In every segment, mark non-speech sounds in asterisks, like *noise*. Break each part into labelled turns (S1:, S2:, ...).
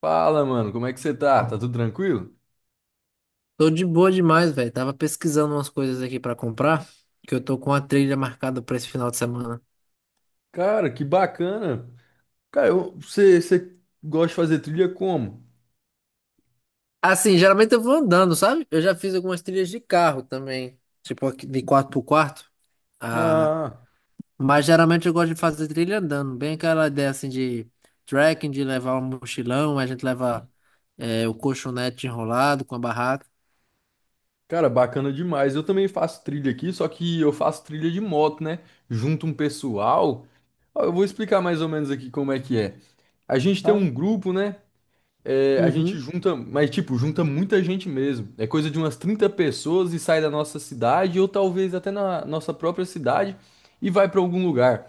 S1: Fala, mano, como é que você tá? Tá tudo tranquilo?
S2: Tô de boa demais, velho. Tava pesquisando umas coisas aqui pra comprar, que eu tô com a trilha marcada pra esse final de semana.
S1: Cara, que bacana. Cara, você gosta de fazer trilha como?
S2: Assim, geralmente eu vou andando, sabe? Eu já fiz algumas trilhas de carro também, tipo aqui de 4x4. Ah,
S1: Ah,
S2: mas geralmente eu gosto de fazer trilha andando, bem aquela ideia assim de trekking, de levar um mochilão, a gente leva o colchonete enrolado com a barraca.
S1: cara, bacana demais. Eu também faço trilha aqui, só que eu faço trilha de moto, né? Junto um pessoal. Ó, eu vou explicar mais ou menos aqui como é que é. A gente tem
S2: Fala
S1: um
S2: aí.
S1: grupo, né? É, a gente
S2: Uhum,
S1: junta, mas tipo, junta muita gente mesmo. É coisa de umas 30 pessoas e sai da nossa cidade, ou talvez até na nossa própria cidade, e vai pra algum lugar.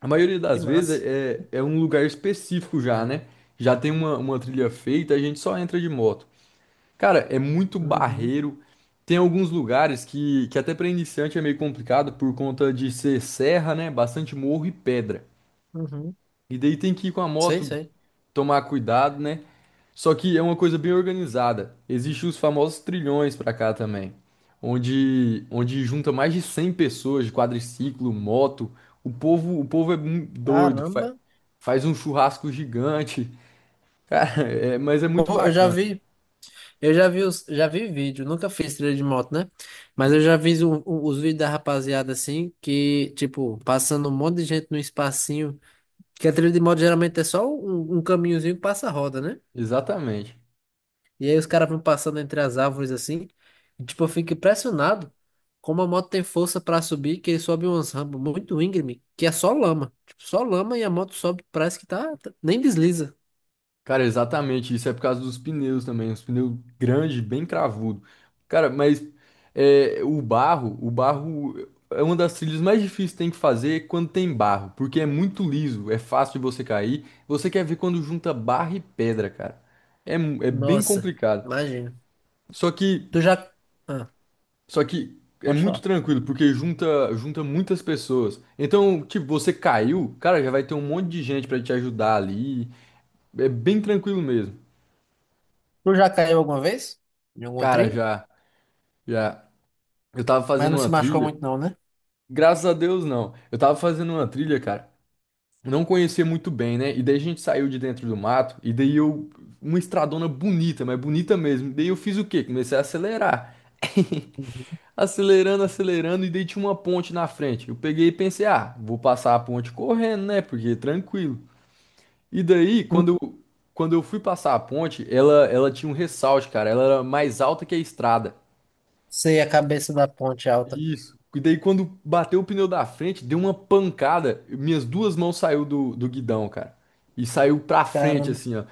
S1: A maioria
S2: que
S1: das vezes
S2: massa.
S1: é um lugar específico já, né? Já tem uma trilha feita, a gente só entra de moto. Cara, é muito
S2: Uhum,
S1: barreiro. Tem alguns lugares que até para iniciante é meio complicado por conta de ser serra, né? Bastante morro e pedra.
S2: uhum.
S1: E daí tem que ir com a
S2: Sei,
S1: moto
S2: sei.
S1: tomar cuidado, né? Só que é uma coisa bem organizada. Existem os famosos trilhões pra cá também, onde junta mais de 100 pessoas de quadriciclo, moto. O povo é doido,
S2: Caramba.
S1: faz um churrasco gigante. *laughs* Cara, mas é muito
S2: Pô, eu já
S1: bacana.
S2: vi. Eu já vi, já vi vídeo, nunca fiz trilha de moto, né? Mas eu já vi os vídeos da rapaziada assim, que, tipo, passando um monte de gente num espacinho. Que a trilha de moto geralmente é só um, um caminhozinho que passa a roda, né?
S1: Exatamente.
S2: E aí os caras vão passando entre as árvores assim. E, tipo, eu fico impressionado como a moto tem força pra subir, que ele sobe umas rampas muito íngreme, que é só lama. Tipo, só lama e a moto sobe, parece que tá, nem desliza.
S1: Cara, exatamente. Isso é por causa dos pneus também. Os pneus grandes, bem cravudo. Cara, mas é, o barro é uma das trilhas mais difíceis que tem que fazer quando tem barro, porque é muito liso, é fácil de você cair. Você quer ver quando junta barro e pedra, cara. É, é bem
S2: Nossa,
S1: complicado.
S2: imagina.
S1: Só que,
S2: Tu já. Ah,
S1: só que é
S2: pode
S1: muito
S2: falar.
S1: tranquilo, porque junta muitas pessoas. Então, tipo, você caiu, cara, já vai ter um monte de gente pra te ajudar ali. É bem tranquilo mesmo.
S2: Tu já caiu alguma vez? Em alguma
S1: Cara,
S2: trilha?
S1: já. Eu tava
S2: Mas
S1: fazendo
S2: não
S1: uma
S2: se machucou
S1: trilha.
S2: muito não, né?
S1: Graças a Deus, não. Eu tava fazendo uma trilha, cara. Não conhecia muito bem, né? E daí a gente saiu de dentro do mato. E daí eu. Uma estradona bonita, mas bonita mesmo. Daí eu fiz o quê? Comecei a acelerar. *laughs*
S2: Uhum.
S1: Acelerando, acelerando. E daí tinha uma ponte na frente. Eu peguei e pensei, ah, vou passar a ponte correndo, né? Porque tranquilo. E daí,
S2: Hum.
S1: quando eu fui passar a ponte, ela tinha um ressalto, cara. Ela era mais alta que a estrada.
S2: Sei, a cabeça da ponte é alta.
S1: Isso. E daí quando bateu o pneu da frente, deu uma pancada. Minhas duas mãos saiu do guidão, cara. E saiu pra frente,
S2: Caramba.
S1: assim, ó.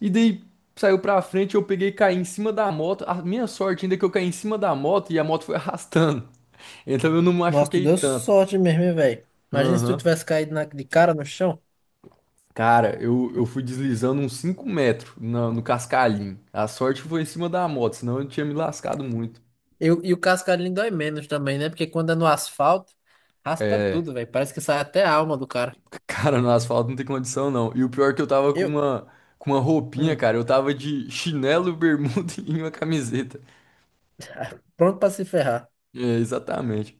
S1: E daí saiu pra frente, eu peguei e caí em cima da moto. A minha sorte ainda é que eu caí em cima da moto e a moto foi arrastando. *laughs* Então eu não
S2: Nossa, tu
S1: machuquei
S2: deu
S1: tanto.
S2: sorte mesmo, hein, velho? Imagina se tu
S1: Aham.
S2: tivesse caído de cara no chão.
S1: Cara, eu fui deslizando uns 5 metros no, no cascalhinho. A sorte foi em cima da moto, senão eu tinha me lascado muito.
S2: Eu, e o cascalhinho dói menos também, né? Porque quando é no asfalto, raspa tudo,
S1: É.
S2: velho. Parece que sai até a alma do cara.
S1: Cara, no asfalto não tem condição, não. E o pior é que eu tava
S2: Eu,
S1: com uma roupinha,
S2: hum,
S1: cara. Eu tava de chinelo, bermuda *laughs* e uma camiseta.
S2: pronto pra se ferrar.
S1: É, exatamente.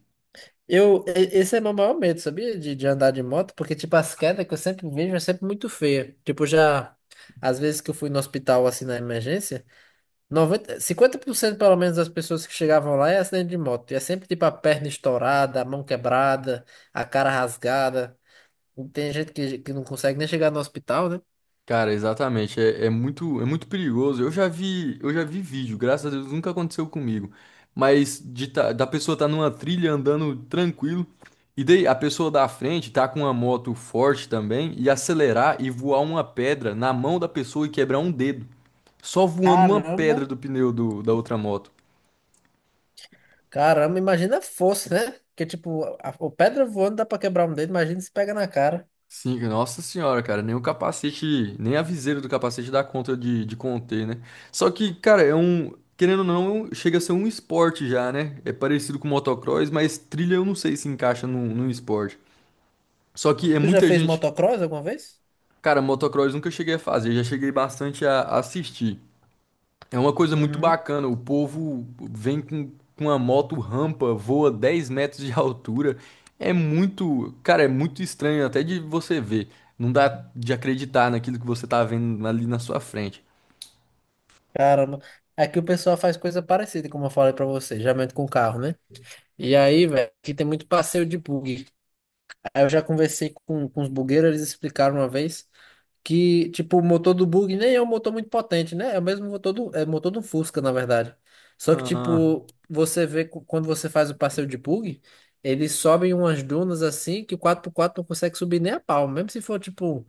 S2: Eu, esse é meu maior medo, sabia? De andar de moto, porque, tipo, as quedas que eu sempre vejo é sempre muito feia. Tipo, já, às vezes que eu fui no hospital, assim, na emergência. Noventa cinquenta por cento pelo menos das pessoas que chegavam lá é acidente de moto. E é sempre tipo a perna estourada, a mão quebrada, a cara rasgada. E tem gente que não consegue nem chegar no hospital, né?
S1: Cara, exatamente. É, é muito perigoso. Eu já vi vídeo, graças a Deus nunca aconteceu comigo. Mas de da pessoa tá numa trilha andando tranquilo. E daí a pessoa da frente tá com uma moto forte também e acelerar e voar uma pedra na mão da pessoa e quebrar um dedo. Só voando uma
S2: Caramba,
S1: pedra do pneu do, da outra moto.
S2: caramba, imagina a força, né? Porque tipo, o pedra voando dá pra quebrar um dedo, imagina se pega na cara.
S1: Sim, nossa senhora, cara, nem o capacete, nem a viseira do capacete dá conta de conter, né? Só que, cara, é um, querendo ou não, chega a ser um esporte já, né? É parecido com motocross, mas trilha eu não sei se encaixa num, num esporte. Só que é
S2: Tu já
S1: muita
S2: fez
S1: gente,
S2: motocross alguma vez?
S1: cara, motocross nunca cheguei a fazer, já cheguei bastante a assistir. É uma coisa muito
S2: Uhum.
S1: bacana. O povo vem com a moto rampa, voa 10 metros de altura. É muito, cara, é muito estranho até de você ver. Não dá de acreditar naquilo que você tá vendo ali na sua frente.
S2: Caramba. Aqui o pessoal faz coisa parecida, como eu falei pra você, geralmente com carro, né? E aí, velho, aqui tem muito passeio de bug. Aí eu já conversei com os bugueiros, eles explicaram uma vez que, tipo, o motor do bug nem é um motor muito potente, né? É o mesmo motor do, é motor do Fusca, na verdade. Só que,
S1: Ah,
S2: tipo, você vê quando você faz o passeio de bug, eles sobem umas dunas assim que o quatro por quatro não consegue subir nem a pau. Mesmo se for, tipo,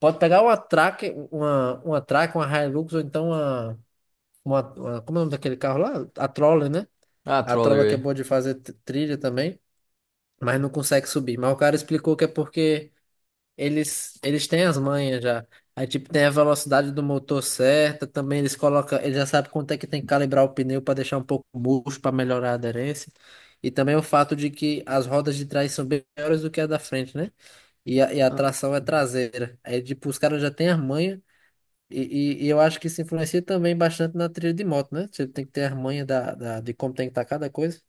S2: pode pegar uma track, uma Hilux, ou então uma, como é o nome daquele carro lá? A Troller, né?
S1: ah,
S2: A
S1: troller
S2: Troller que é
S1: aí.
S2: boa de fazer trilha também, mas não consegue subir. Mas o cara explicou que é porque. Eles têm as manhas já. Aí, tipo, tem a velocidade do motor certa, também eles colocam, eles já sabem quanto é que tem que calibrar o pneu para deixar um pouco murcho, para melhorar a aderência. E também o fato de que as rodas de trás são bem maiores do que a da frente, né? E a
S1: Ah,
S2: tração é traseira. Aí, tipo, os caras já têm as manhas, e eu acho que isso influencia também bastante na trilha de moto, né? Você tem que ter as manhas da, da, de como tem que estar cada coisa.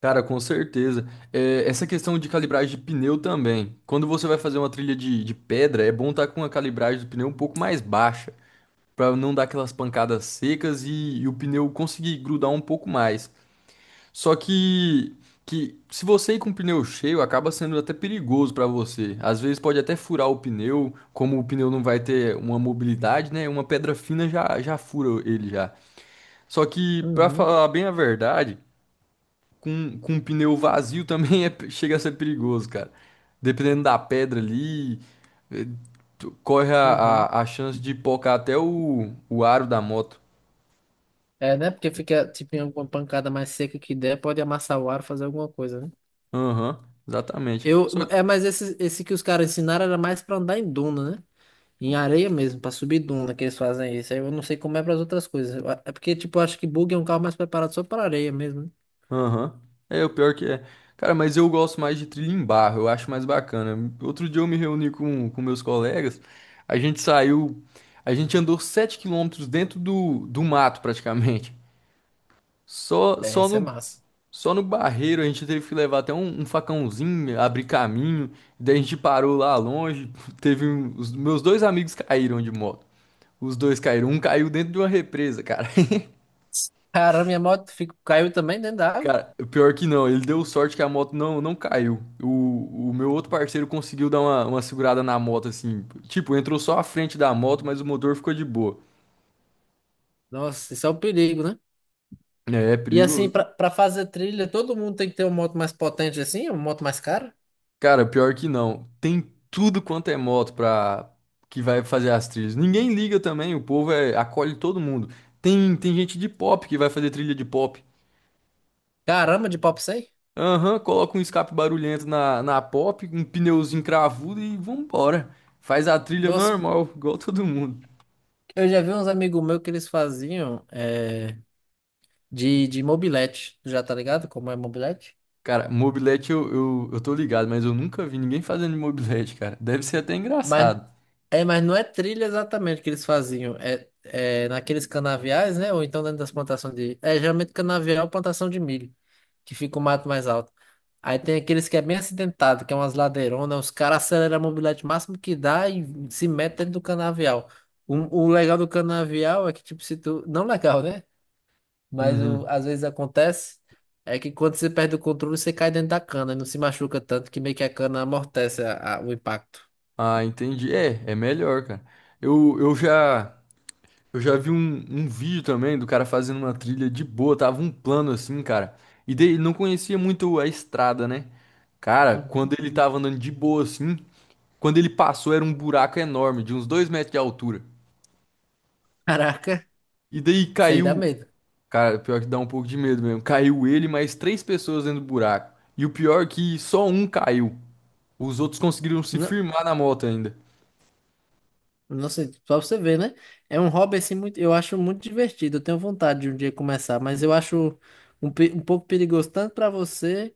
S1: cara, com certeza. É, essa questão de calibragem de pneu também. Quando você vai fazer uma trilha de pedra, é bom estar com a calibragem do pneu um pouco mais baixa, para não dar aquelas pancadas secas e o pneu conseguir grudar um pouco mais. Só que se você ir com o pneu cheio, acaba sendo até perigoso para você. Às vezes pode até furar o pneu, como o pneu não vai ter uma mobilidade, né? Uma pedra fina já fura ele já. Só que, para
S2: Uhum,
S1: falar bem a verdade, com um pneu vazio também *laughs* é, chega a ser perigoso, cara. Dependendo da pedra ali, eh, corre
S2: uhum.
S1: a chance de pocar até o aro da moto.
S2: É, né? Porque fica, tipo, em alguma pancada mais seca que der, pode amassar o ar, fazer alguma coisa, né?
S1: Aham, exatamente.
S2: Eu,
S1: Só
S2: é, mas esse que os caras ensinaram era mais pra andar em duna, né? Em areia mesmo, pra subir duna que eles fazem isso. Aí eu não sei como é pras outras coisas. Eu é porque, tipo, eu acho que bug é um carro mais preparado só pra areia mesmo, né?
S1: Aham. É, o pior que é. Cara, mas eu gosto mais de trilha em barro, eu acho mais bacana. Outro dia eu me reuni com meus colegas, a gente saiu, a gente andou 7 quilômetros dentro do, do mato praticamente. Só,
S2: É, isso é massa.
S1: só no barreiro a gente teve que levar até um, um facãozinho, abrir caminho. Daí a gente parou lá longe, *laughs* teve os meus dois amigos caíram de moto. Os dois caíram, um caiu dentro de uma represa, cara. *laughs*
S2: Caramba, minha moto fico, caiu também dentro da água.
S1: Cara, pior que não, ele deu sorte que a moto não caiu. O meu outro parceiro conseguiu dar uma segurada na moto, assim. Tipo, entrou só a frente da moto, mas o motor ficou de boa.
S2: Nossa, isso é um perigo, né?
S1: É, é
S2: E assim,
S1: perigoso.
S2: pra fazer trilha, todo mundo tem que ter uma moto mais potente assim, uma moto mais cara.
S1: Cara, pior que não. Tem tudo quanto é moto pra que vai fazer as trilhas. Ninguém liga também, o povo é, acolhe todo mundo. Tem gente de pop que vai fazer trilha de pop.
S2: Caramba, de pop 100?
S1: Aham, coloca um escape barulhento na, na pop, um pneuzinho cravudo e vambora. Faz a trilha
S2: Nossa,
S1: normal, igual todo mundo.
S2: eu já vi uns amigos meus que eles faziam é, de mobilete, já tá ligado? Como é mobilete?
S1: Cara, mobilete eu tô ligado, mas eu nunca vi ninguém fazendo mobilete, cara. Deve ser até
S2: Mas,
S1: engraçado.
S2: é, mas não é trilha exatamente que eles faziam. É, é naqueles canaviais, né? Ou então dentro das plantações de. É geralmente canavial, é plantação de milho, que fica o mato mais alto. Aí tem aqueles que é bem acidentado, que é umas ladeironas, os caras aceleram a mobilete o máximo que dá e se metem dentro do canavial. O legal do canavial é que, tipo, se tu. Não legal, né? Mas
S1: Uhum.
S2: às vezes acontece é que quando você perde o controle, você cai dentro da cana e não se machuca tanto que meio que a cana amortece o impacto.
S1: Ah, entendi. É, é melhor, cara. Eu, eu já eu já vi um, um vídeo também do cara fazendo uma trilha de boa, tava um plano assim, cara. E daí ele não conhecia muito a estrada, né? Cara, quando
S2: Uhum.
S1: ele tava andando de boa assim, quando ele passou era um buraco enorme, de uns 2 metros de altura.
S2: Caraca,
S1: E daí
S2: isso aí dá
S1: caiu.
S2: medo.
S1: Cara, pior é que dá um pouco de medo mesmo. Caiu ele, mais três pessoas dentro do buraco. E o pior é que só um caiu. Os outros conseguiram se
S2: Não,
S1: firmar na moto ainda.
S2: nossa, só pra você ver, né? É um hobby assim muito, eu acho muito divertido. Eu tenho vontade de um dia começar, mas eu acho um, um pouco perigoso tanto pra você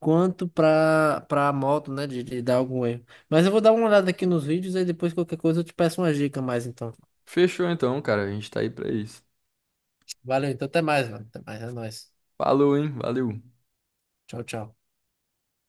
S2: quanto pra para moto, né, de dar algum erro. Mas eu vou dar uma olhada aqui nos vídeos e depois qualquer coisa eu te peço uma dica mais então.
S1: Fechou então, cara. A gente tá aí pra isso.
S2: Valeu, então até mais, mano. Até mais, é nóis.
S1: Falou, hein? Valeu.
S2: Tchau, tchau.